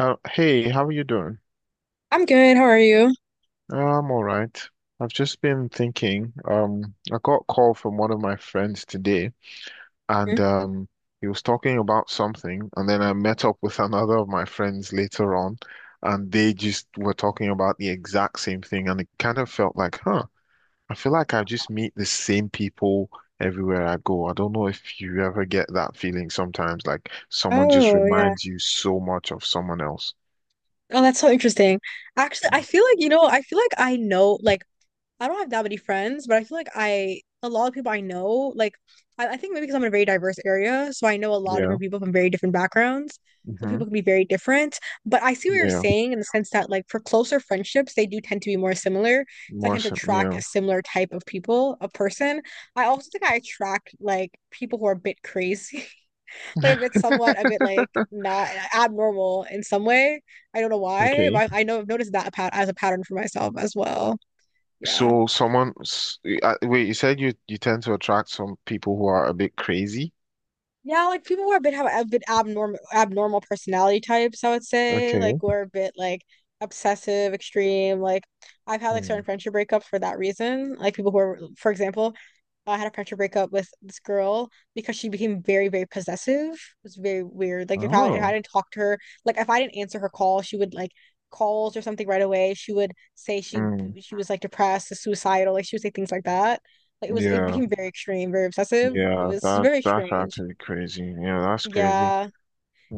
Hey, how are you doing? I'm good. How are you? I'm all right. I've just been thinking. I got a call from one of my friends today, Hmm? and he was talking about something, and then I met up with another of my friends later on, and they just were talking about the exact same thing, and it kind of felt like, huh, I feel like I just meet the same people everywhere I go. I don't know if you ever get that feeling sometimes, like someone just Oh, yeah. reminds you so much of someone else. Oh, that's so interesting. Actually, I feel like, I feel like I know, I don't have that many friends, but I feel like a lot of people I know, I think maybe because I'm in a very diverse area, so I know a lot of Yeah. different people from very different backgrounds. So Mm-hmm. people can be very different. But I see what you're saying in the sense that, like, for closer friendships, they do tend to be more similar. So I tend to Awesome, attract yeah. a similar type of people, a person. I also think I attract, like, people who are a bit crazy. Like a bit somewhat a bit like not abnormal in some way. I don't know why, Okay. but I know I've noticed that pat as a pattern for myself as well. Yeah. So someone, wait, you said you tend to attract some people who are a bit crazy. Yeah, like people who are a bit have a bit abnormal personality types, I would say. Okay. Like we're a bit like obsessive, extreme. Like I've had like Hmm. certain friendship breakups for that reason. Like people who are, for example, I had a friendship breakup with this girl because she became very, very possessive. It was very weird. Like if I Oh. didn't talk to her, like if I didn't answer her call, she would like calls or something right away. She would say Mm. she was like depressed, suicidal. Like she would say things like that. Like it Yeah. became very extreme, very obsessive. It Yeah. was That's very that's strange. actually crazy. Yeah, that's crazy. Yeah.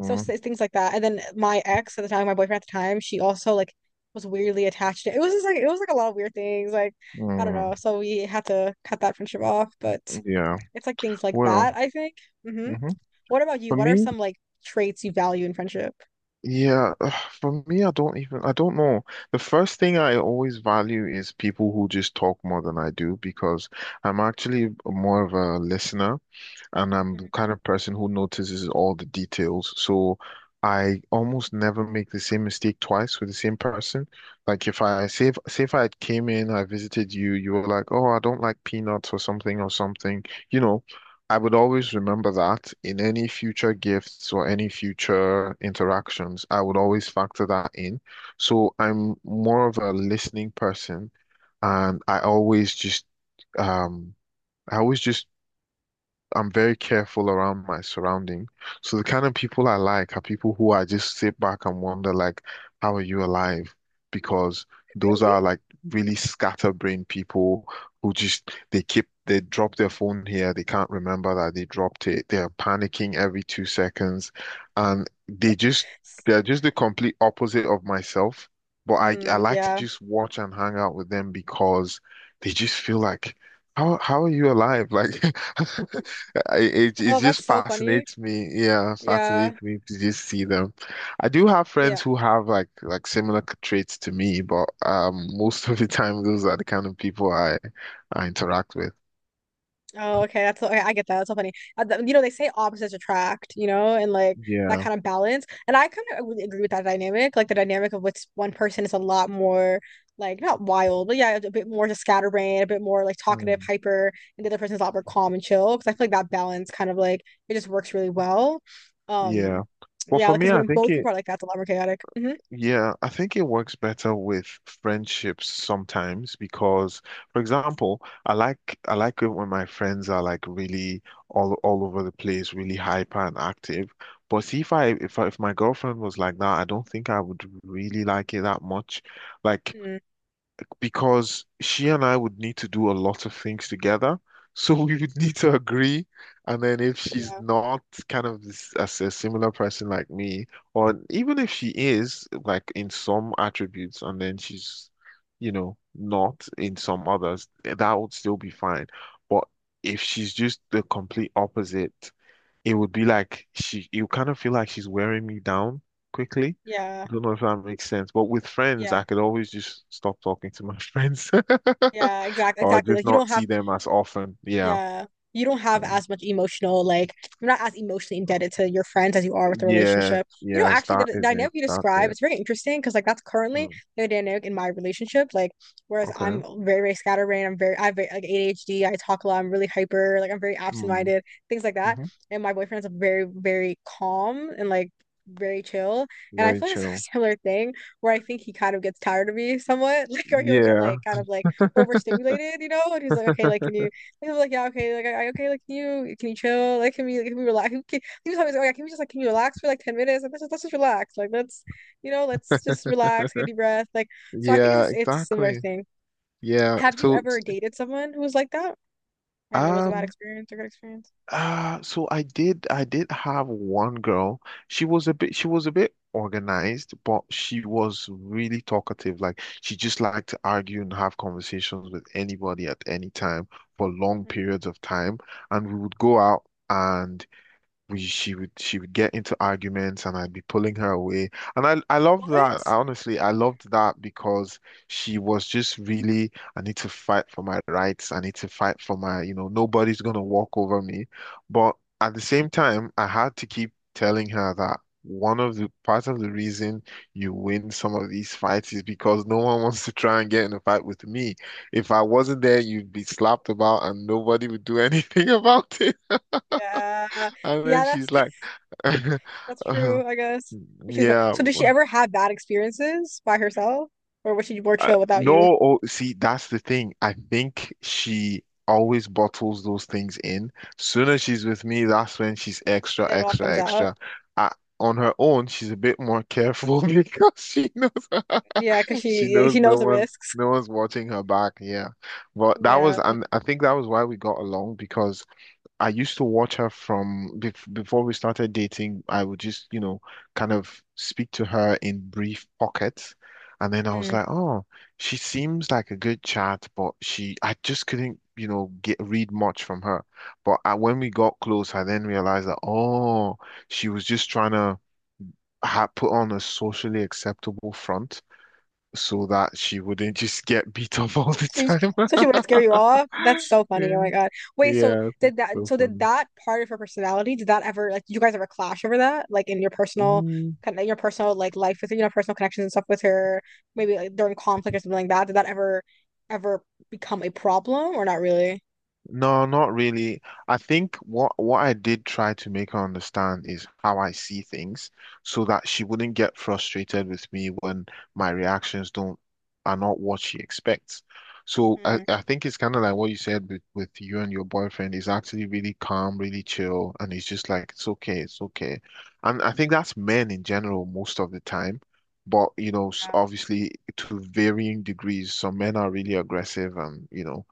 Things like that. And then my ex at the time, my boyfriend at the time, she also like was weirdly attached to it. It was just like it was like a lot of weird things. Like, I don't Mm. know. So we had to cut that friendship off. But Yeah. it's like things like Well. that, I think. Hmm Hmm. What about you? For What are me, some like traits you value in friendship? yeah. For me, I don't even. I don't know. The first thing I always value is people who just talk more than I do because I'm actually more of a listener, and I'm the Mhm. kind of person who notices all the details. So I almost never make the same mistake twice with the same person. Like if I say if I came in, I visited you, you were like, "Oh, I don't like peanuts or something or something," you know. I would always remember that in any future gifts or any future interactions, I would always factor that in. So I'm more of a listening person, and um I always just I'm very careful around my surrounding. So the kind of people I like are people who I just sit back and wonder, like, how are you alive? Because those are like really scatterbrained people who just they drop their phone here, they can't remember that they dropped it. They are panicking every 2 seconds, and they're just the complete opposite of myself. But I Mm, like to yeah. just watch and hang out with them because they just feel like, how are you alive? Like. It Oh, that's just so funny. fascinates me. Yeah, Yeah. fascinates me to just see them. I do have Yeah. friends who have like Mhm. similar traits to me, but most of the time those are the kind of people I interact with. Oh, okay. That's so, okay. I get that. That's so funny. You know, they say opposites attract, you know, and like that Yeah. kind of balance. And I kind of agree with that dynamic. Like the dynamic of what's one person is a lot more like not wild, but yeah, a bit more just scatterbrained, a bit more like talkative, Mm. hyper, and the other person's a lot more calm and chill. Because I feel like that balance kind of like it just works really well. Um, Yeah. But yeah, for because me, I when think both people it. are like that, it's a lot more chaotic. Hmm Yeah, I think it works better with friendships sometimes because, for example, I like it when my friends are like really all over the place, really hyper and active. But see, if my girlfriend was like that, I don't think I would really like it that much. Like mm because she and I would need to do a lot of things together. So we would need to agree. And then if she's Yeah. not kind of this, as a similar person like me, or even if she is like in some attributes and then she's, not in some others, that would still be fine. But if she's just the complete opposite, it would be like she, you kind of feel like she's wearing me down quickly. Yeah. I don't know if that makes sense, but with friends, I Yeah. could always just stop talking to my friends Yeah. Exactly. or Exactly. just Like you don't not have. see them as often. Yeah. Yeah. You don't have Mm. as much emotional, like, you're not as emotionally indebted to your friends as you are with the Yeah. relationship. You know, Yes, actually, that the is dynamic it. you That's describe it. is very interesting because, like, that's currently Mm. the dynamic in my relationship. Like, whereas I'm Okay. very, very scatterbrained, I have very, like ADHD, I talk a lot, I'm really hyper, like, I'm very Mm. absent-minded, things like that. Hmm. And my boyfriend's very, very calm and, like, very chill. And I Very feel like it's a chill. similar thing where I think he kind of gets tired of me somewhat, like, or he'll get, Yeah. like, kind of, like, overstimulated, you know? And he's like, okay, like, can you he was like, yeah, okay, okay, like, can you chill? Like, like, can we relax? He was always like, oh, yeah, can we just, like, can you relax for, like, 10 minutes? Like, let's just relax. Like, let's, you know, let's just relax, get a deep breath. Like, so I think Yeah, it's a similar exactly. thing. Yeah. Have you ever dated someone who was like that? And it was a bad um, experience or good experience? so I did have one girl. She was a bit organized, but she was really talkative. Like she just liked to argue and have conversations with anybody at any time for long Mm. periods of time. And we would go out and we she would get into arguments and I'd be pulling her away. And I loved that. What? I honestly I loved that because she was just really I need to fight for my rights. I need to fight for my, nobody's gonna walk over me. But at the same time, I had to keep telling her that one of the part of the reason you win some of these fights is because no one wants to try and get in a fight with me. If I wasn't there, you'd be slapped about and nobody would do anything about Yeah. and then Yeah, that's, she's like, that's uh, true, I guess. But she was- yeah, So did she ever have bad experiences by herself? Or was she more chill without you? no. Oh, see, that's the thing. I think she always bottles those things in. Soon as she's with me, that's when she's extra, Then it all extra, comes out. extra. Uh, on her own, she's a bit more careful because she knows Yeah, because she yeah, she knows knows the risks. no one's watching her back. Yeah, but that was, Yeah. and I think that was why we got along because I used to watch her from before we started dating. I would just, kind of speak to her in brief pockets. And then I was Mm. like, oh, she seems like a good chat, but she, I just couldn't, get read much from her. But I, when we got close, I then realized that, oh, she was just trying to ha put on a socially acceptable front so that she wouldn't just get beat up all So the she, so she time. would scare you off. That's so funny. Oh Yeah. my God. Wait, Yeah. So so did funny. that part of her personality, did that ever like did you guys ever clash over that? Like in your personal Mm. kind of your personal like life with her, you know, personal connections and stuff with her, maybe like during conflict or something like that. Did that ever become a problem or not really? No, not really. I think what I did try to make her understand is how I see things so that she wouldn't get frustrated with me when my reactions don't are not what she expects. So I, Mm, I think it's kind of like what you said with you and your boyfriend. He's actually really calm, really chill, and he's just like, it's okay, it's okay. And I think that's men in general most of the time. But, yeah. obviously to varying degrees, some men are really aggressive and,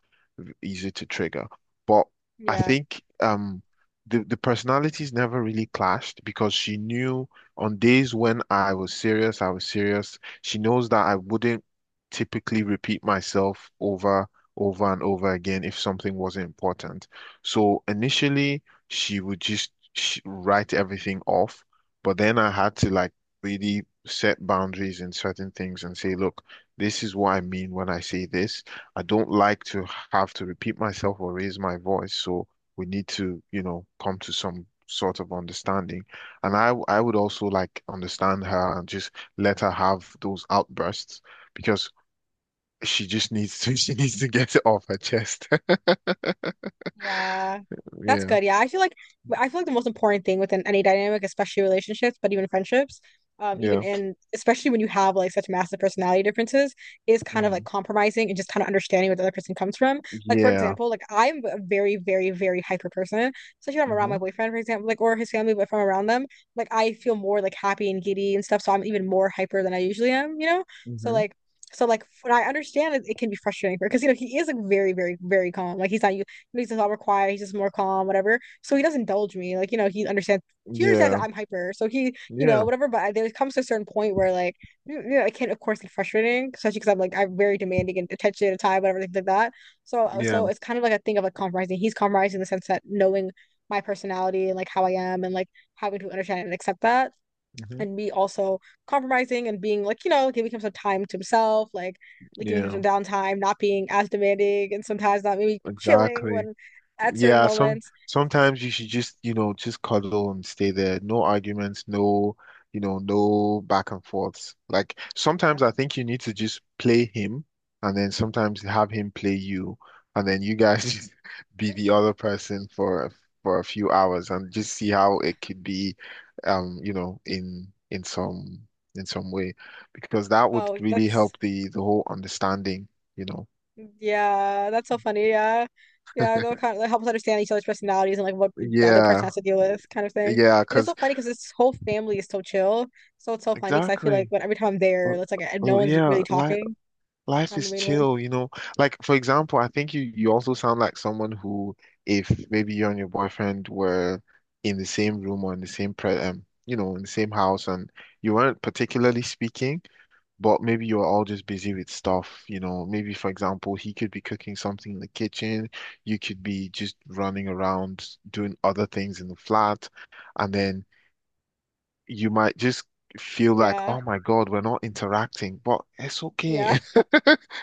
easy to trigger. But I Yeah. think the personalities never really clashed because she knew on days when I was serious, I was serious. She knows that I wouldn't typically repeat myself over and over again if something wasn't important. So initially, she would just sh write everything off, but then I had to like really set boundaries in certain things and say, look, this is what I mean when I say this. I don't like to have to repeat myself or raise my voice, so we need to, come to some sort of understanding. And I would also like understand her and just let her have those outbursts because she just needs to she needs to get it off her chest. Yeah, that's Yeah. good. Yeah, I feel like the most important thing within any dynamic, especially relationships, but even friendships, even Yeah. in especially when you have like such massive personality differences, is kind of like Mm. compromising and just kind of understanding where the other person comes from. Like for Yeah. example, like I'm a very, very, very hyper person, especially when I'm around Hmm. my boyfriend, for example, like or his family, but if I'm around them, like I feel more like happy and giddy and stuff. So I'm even more hyper than I usually am, you know? So Hmm. like. So like when I understand it, it can be frustrating for because you know he is like very very very calm like he's not makes us all more quiet. He's just more calm, whatever. So he doesn't indulge me. Like, you know, he understands that Yeah. I'm hyper. So he, you know, Yeah. whatever. But there comes to a certain point where like, you know, it can of course get frustrating, especially because I'm very demanding and attention at a time, whatever things like that. So Yeah. it's kind of like a thing of like compromising. He's compromising in the sense that knowing my personality and like how I am and like having to understand and accept that Hmm. and me also compromising and being like, you know, giving him some time to himself, like giving him Yeah. some downtime, not being as demanding and sometimes not maybe chilling Exactly. when at certain Yeah, some moments. sometimes you should just cuddle and stay there. No arguments, no, no back and forths. Like Yeah. sometimes I think you need to just play him and then sometimes have him play you and then you guys just be the other person for a few hours and just see how it could be um, you know, in in some in some way because that would Oh, really that's help the whole understanding, you know. Yeah, that's so funny. Yeah. Yeah, that kind of like helps understand each other's personalities and like what the other person Yeah. has to deal with, kind of thing. Yeah, And it's 'cause so funny because this whole family is so chill. So it's so funny because I feel like exactly. when every time I'm there, Well, it's like no well, one's yeah, really life talking. life I'm the is main one. chill. Like for example, I think you also sound like someone who, if maybe you and your boyfriend were in the same room or in the same house, and you weren't particularly speaking, but maybe you were all just busy with stuff. Maybe for example, he could be cooking something in the kitchen, you could be just running around doing other things in the flat, and then you might just feel like, Yeah, oh my God, we're not interacting, but it's yeah. okay.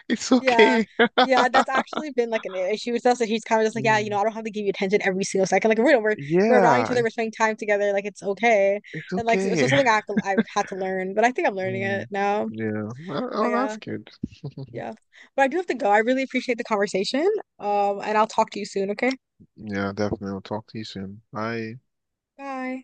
It's Yeah. okay. Yeah, that's actually been like an issue with us. That he's kind of just like, yeah, you know, Mm. I don't have to give you attention every single second. Like, we're around each Yeah, other, we're spending time together. Like, it's okay. it's And like, so okay. something I have to I've had to learn, but I think I'm learning it Mm. now. Yeah. Well. But Oh, yeah, that's good. yeah. But I do have to go. I really appreciate the conversation. And I'll talk to you soon. Okay, Yeah, definitely. I'll talk to you soon. Bye. bye.